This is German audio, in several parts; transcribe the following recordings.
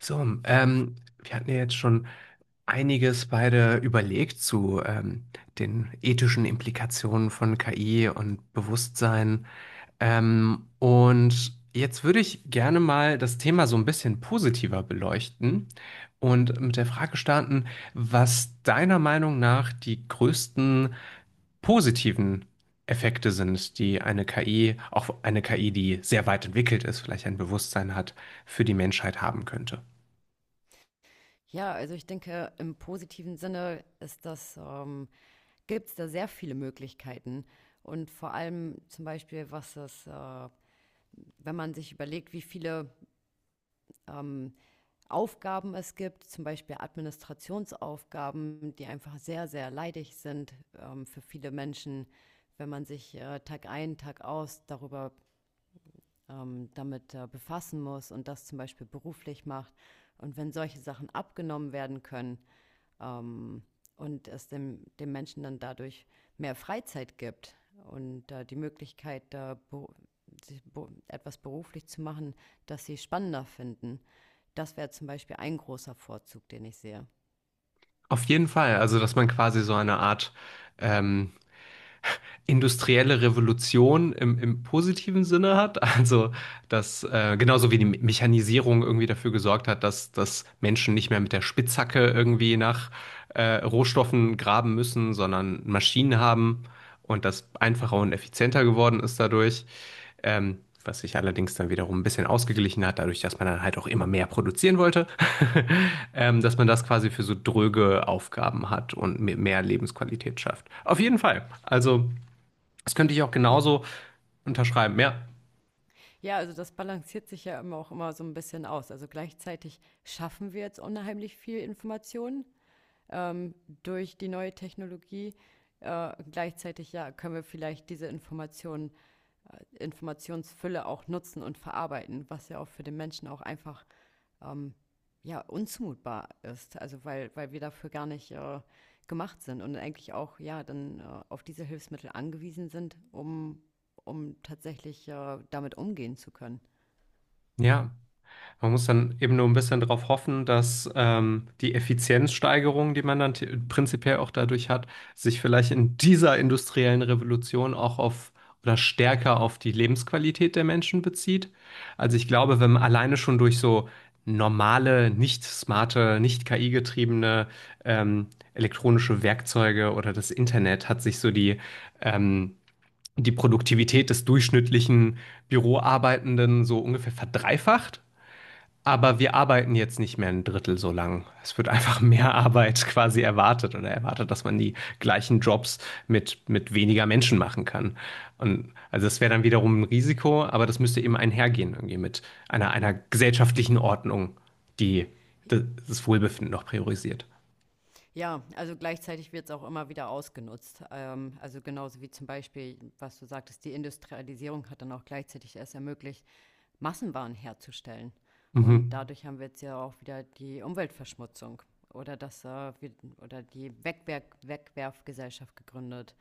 So, ähm, Wir hatten ja jetzt schon einiges beide überlegt zu den ethischen Implikationen von KI und Bewusstsein. Und jetzt würde ich gerne mal das Thema so ein bisschen positiver beleuchten und mit der Frage starten, was deiner Meinung nach die größten positiven Effekte sind, die eine KI, auch eine KI, die sehr weit entwickelt ist, vielleicht ein Bewusstsein hat, für die Menschheit haben könnte. Ja, also ich denke, im positiven Sinne ist gibt es da sehr viele Möglichkeiten. Und vor allem zum Beispiel, wenn man sich überlegt, wie viele ähm, Aufgaben es gibt, zum Beispiel Administrationsaufgaben, die einfach sehr, sehr leidig sind für viele Menschen, wenn man sich Tag ein, Tag aus darüber damit befassen muss und das zum Beispiel beruflich macht. Und wenn solche Sachen abgenommen werden können, ähm, und es dem Menschen dann dadurch mehr Freizeit gibt und die Möglichkeit, da be sich be etwas beruflich zu machen, das sie spannender finden. Das wäre zum Beispiel ein großer Vorzug, den ich sehe. Auf jeden Fall, also dass man quasi so eine Art ähm, industrielle Revolution im, im positiven Sinne hat. Also, dass genauso wie die Mechanisierung irgendwie dafür gesorgt hat, dass Menschen nicht mehr mit der Spitzhacke irgendwie nach Rohstoffen graben müssen, sondern Maschinen haben und das einfacher und effizienter geworden ist dadurch. Ähm, Was sich allerdings dann wiederum ein bisschen ausgeglichen hat, dadurch, dass man dann halt auch immer mehr produzieren wollte, dass man das quasi für so dröge Aufgaben hat und mit mehr Lebensqualität schafft. Auf jeden Fall. Also das könnte ich auch Ja, genauso unterschreiben. Ja, ja, also das balanciert sich ja immer auch immer so ein bisschen aus. Also gleichzeitig schaffen wir jetzt unheimlich viel Information ähm, durch die neue Technologie. Gleichzeitig ja, können wir vielleicht diese Informationen Informationsfülle auch nutzen und verarbeiten, was ja auch für den Menschen auch einfach ja unzumutbar ist. Also weil wir dafür gar nicht gemacht sind und eigentlich auch ja dann auf diese Hilfsmittel angewiesen sind, um tatsächlich damit umgehen zu können. ja. Man muss dann eben nur ein bisschen darauf hoffen, dass die Effizienzsteigerung, die man dann prinzipiell auch dadurch hat, sich vielleicht in dieser industriellen Revolution auch auf oder stärker auf die Lebensqualität der Menschen bezieht. Also ich glaube, wenn man alleine schon durch so normale, nicht smarte, nicht KI-getriebene ähm, elektronische Werkzeuge oder das Internet hat sich so die ähm, die Produktivität des durchschnittlichen Büroarbeitenden so ungefähr verdreifacht. Aber wir arbeiten jetzt nicht mehr ein Drittel so lang. Es wird einfach mehr Arbeit quasi erwartet oder erwartet, dass man die gleichen Jobs mit weniger Menschen machen kann. Und also das wäre dann wiederum ein Risiko, aber das müsste eben einhergehen irgendwie mit einer gesellschaftlichen Ordnung, die das Wohlbefinden noch priorisiert. Ja, also gleichzeitig wird es auch immer wieder ausgenutzt. Also genauso wie zum Beispiel, was du sagtest, die Industrialisierung hat dann auch gleichzeitig erst ermöglicht, Massenwaren herzustellen. Und Mhm. dadurch haben wir jetzt ja auch wieder die Umweltverschmutzung oder oder die Wegwerfgesellschaft gegründet,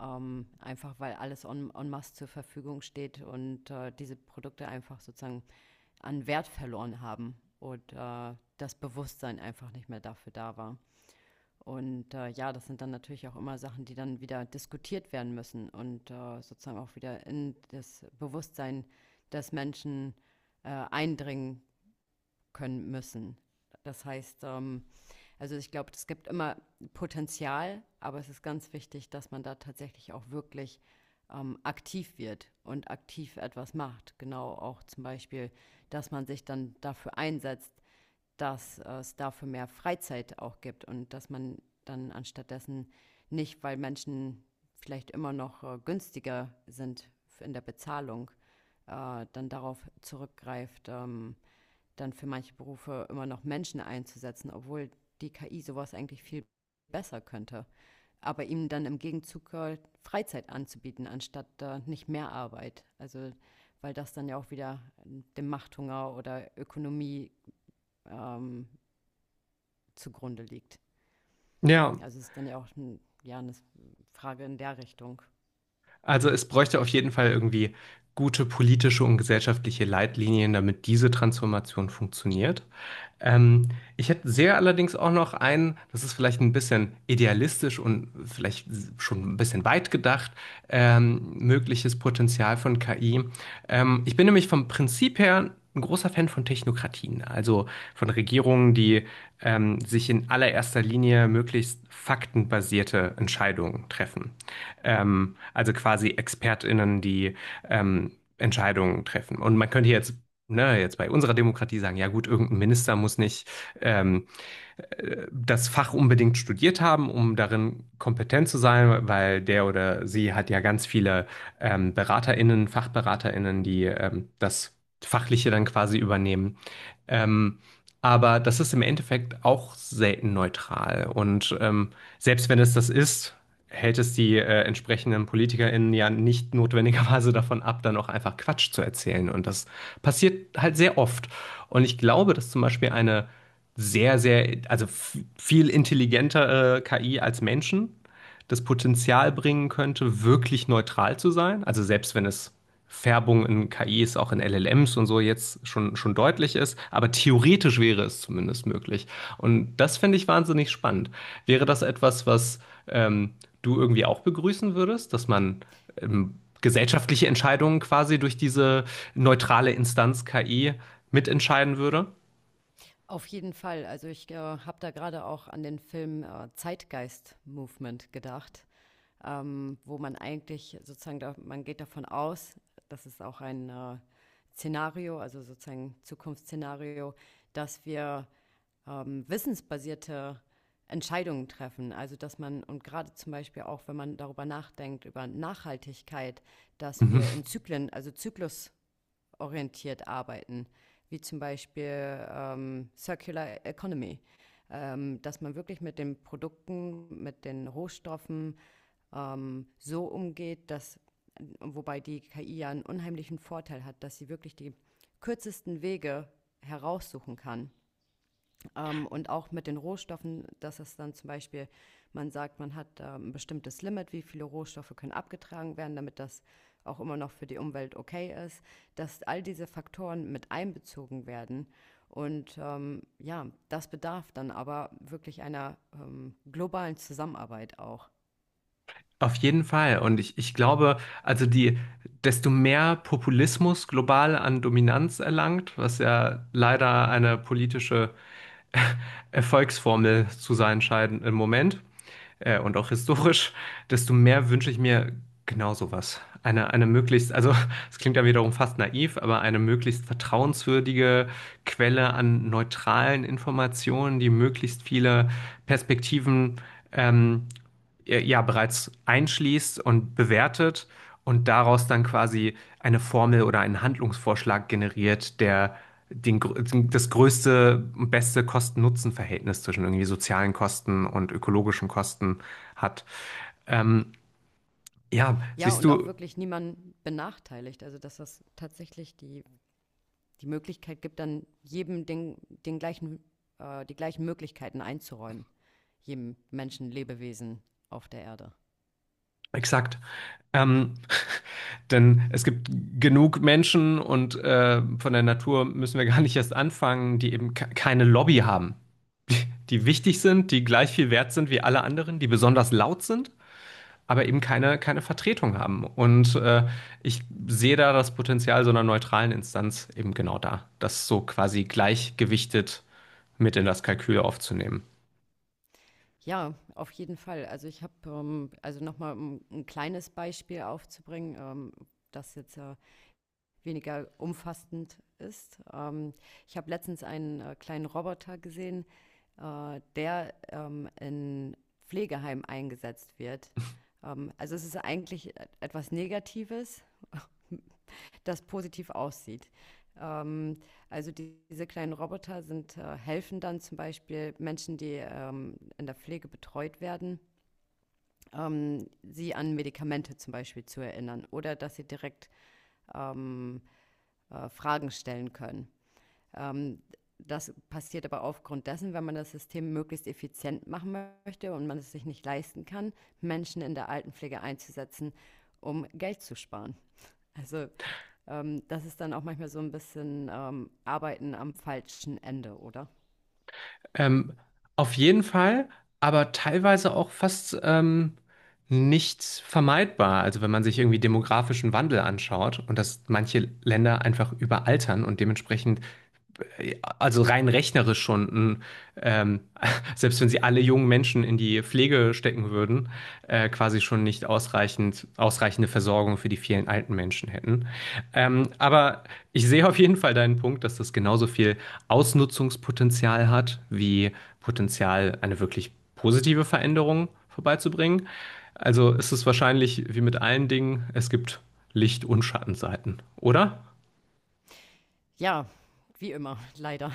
einfach weil alles en, en masse zur Verfügung steht und diese Produkte einfach sozusagen an Wert verloren haben und das Bewusstsein einfach nicht mehr dafür da war. Und, ja, das sind dann natürlich auch immer Sachen, die dann wieder diskutiert werden müssen und, sozusagen auch wieder in das Bewusstsein des Menschen, eindringen können müssen. Das heißt, also ich glaube, es gibt immer Potenzial, aber es ist ganz wichtig, dass man da tatsächlich auch wirklich, aktiv wird und aktiv etwas macht. Genau, auch zum Beispiel, dass man sich dann dafür einsetzt, dass es dafür mehr Freizeit auch gibt und dass man dann anstattdessen nicht, weil Menschen vielleicht immer noch günstiger sind in der Bezahlung, dann darauf zurückgreift, dann für manche Berufe immer noch Menschen einzusetzen, obwohl die KI sowas eigentlich viel besser könnte. Aber ihm dann im Gegenzug Freizeit anzubieten, anstatt nicht mehr Arbeit. Also weil das dann ja auch wieder dem Machthunger oder Ökonomie ähm, zugrunde liegt. Ja, Also es ist dann ja auch ein, ja, eine Frage in der Richtung. also es bräuchte auf jeden Fall irgendwie gute politische und gesellschaftliche Leitlinien, damit diese Transformation funktioniert. Ähm, Ich hätte sehr allerdings auch noch einen, das ist vielleicht ein bisschen idealistisch und vielleicht schon ein bisschen weit gedacht, mögliches Potenzial von KI. Ich bin nämlich vom Prinzip her ein großer Fan von Technokratien, also von Regierungen, die sich in allererster Linie möglichst faktenbasierte Entscheidungen treffen. Also quasi ExpertInnen, die ähm, Entscheidungen treffen. Und man könnte jetzt ne, jetzt bei unserer Demokratie sagen, ja gut, irgendein Minister muss nicht ähm, das Fach unbedingt studiert haben, um darin kompetent zu sein, weil der oder sie hat ja ganz viele BeraterInnen, FachberaterInnen, die das Fachliche dann quasi übernehmen. Ähm, aber das ist im Endeffekt auch selten neutral. Und selbst wenn es das ist, hält es die entsprechenden PolitikerInnen ja nicht notwendigerweise davon ab, dann auch einfach Quatsch zu erzählen. Und das passiert halt sehr oft. Und ich glaube, dass zum Beispiel eine viel intelligentere KI als Menschen das Potenzial bringen könnte, wirklich neutral zu sein. Also selbst wenn es Färbung in KIs, auch in LLMs und so jetzt schon deutlich ist. Aber theoretisch wäre es zumindest möglich. Und das finde ich wahnsinnig spannend. Wäre das etwas, was ähm, du irgendwie auch begrüßen würdest, dass man ähm, gesellschaftliche Entscheidungen quasi durch diese neutrale Instanz KI mitentscheiden würde? Auf jeden Fall. Also ich habe da gerade auch an den Film Zeitgeist Movement gedacht, wo man eigentlich sozusagen, da, man geht davon aus, das ist auch ein Szenario, also sozusagen Zukunftsszenario, dass wir wissensbasierte Entscheidungen treffen. Also dass man, und gerade zum Beispiel auch, wenn man darüber nachdenkt, über Nachhaltigkeit, dass Mhm. wir in Zyklen, also Zyklus, orientiert arbeiten, wie zum Beispiel Circular Economy, dass man wirklich mit den Produkten, mit den Rohstoffen so umgeht, dass wobei die KI ja einen unheimlichen Vorteil hat, dass sie wirklich die kürzesten Wege heraussuchen kann und auch mit den Rohstoffen, dass es dann zum Beispiel, man sagt, man hat ein bestimmtes Limit, wie viele Rohstoffe können abgetragen werden, damit das auch immer noch für die Umwelt okay ist, dass all diese Faktoren mit einbezogen werden. Und ja, das bedarf dann aber wirklich einer globalen Zusammenarbeit auch. Auf jeden Fall. Und ich glaube, also die, desto mehr Populismus global an Dominanz erlangt, was ja leider eine politische Erfolgsformel zu sein scheint im Moment, und auch historisch, desto mehr wünsche ich mir genau sowas. Eine möglichst, also es klingt ja wiederum fast naiv, aber eine möglichst vertrauenswürdige Quelle an neutralen Informationen, die möglichst viele Perspektiven ähm, ja bereits einschließt und bewertet und daraus dann quasi eine Formel oder einen Handlungsvorschlag generiert, der das größte und beste Kosten-Nutzen-Verhältnis zwischen irgendwie sozialen Kosten und ökologischen Kosten hat. Ähm, ja, Ja, siehst und auch du, wirklich niemanden benachteiligt. Also, dass das tatsächlich die Möglichkeit gibt, dann jedem den gleichen, die gleichen Möglichkeiten einzuräumen. Jedem Menschen, Lebewesen auf der Erde. exakt. Ähm, denn es gibt genug Menschen und von der Natur müssen wir gar nicht erst anfangen, die eben keine Lobby haben, die wichtig sind, die gleich viel wert sind wie alle anderen, die besonders laut sind, aber eben keine Vertretung haben. Und ich sehe da das Potenzial so einer neutralen Instanz eben genau da, das so quasi gleichgewichtet mit in das Kalkül aufzunehmen. Ja, auf jeden Fall. Also ich habe, also nochmal um ein kleines Beispiel aufzubringen, das jetzt weniger umfassend ist. Ich habe letztens einen kleinen Roboter gesehen, der in Pflegeheim eingesetzt wird. Also es ist eigentlich etwas Negatives, das positiv aussieht. Ähm, also diese kleinen Roboter sind, helfen dann zum Beispiel Menschen, die in der Pflege betreut werden, sie an Medikamente zum Beispiel zu erinnern oder dass sie direkt ähm, Fragen stellen können. Ähm, Das passiert aber aufgrund dessen, wenn man das System möglichst effizient machen möchte und man es sich nicht leisten kann, Menschen in der Altenpflege einzusetzen, um Geld zu sparen. Also das ist dann auch manchmal so ein bisschen, Arbeiten am falschen Ende, oder? Ähm, auf jeden Fall, aber teilweise auch fast nicht vermeidbar. Also wenn man sich irgendwie demografischen Wandel anschaut und dass manche Länder einfach überaltern und dementsprechend also rein rechnerisch schon, ein, ähm, selbst wenn sie alle jungen Menschen in die Pflege stecken würden, quasi schon nicht ausreichend, ausreichende Versorgung für die vielen alten Menschen hätten. Aber ich sehe auf jeden Fall deinen Punkt, dass das genauso viel Ausnutzungspotenzial hat, wie Potenzial, eine wirklich positive Veränderung vorbeizubringen. Also ist es wahrscheinlich wie mit allen Dingen, es gibt Licht- und Schattenseiten, oder? Ja, wie immer, leider.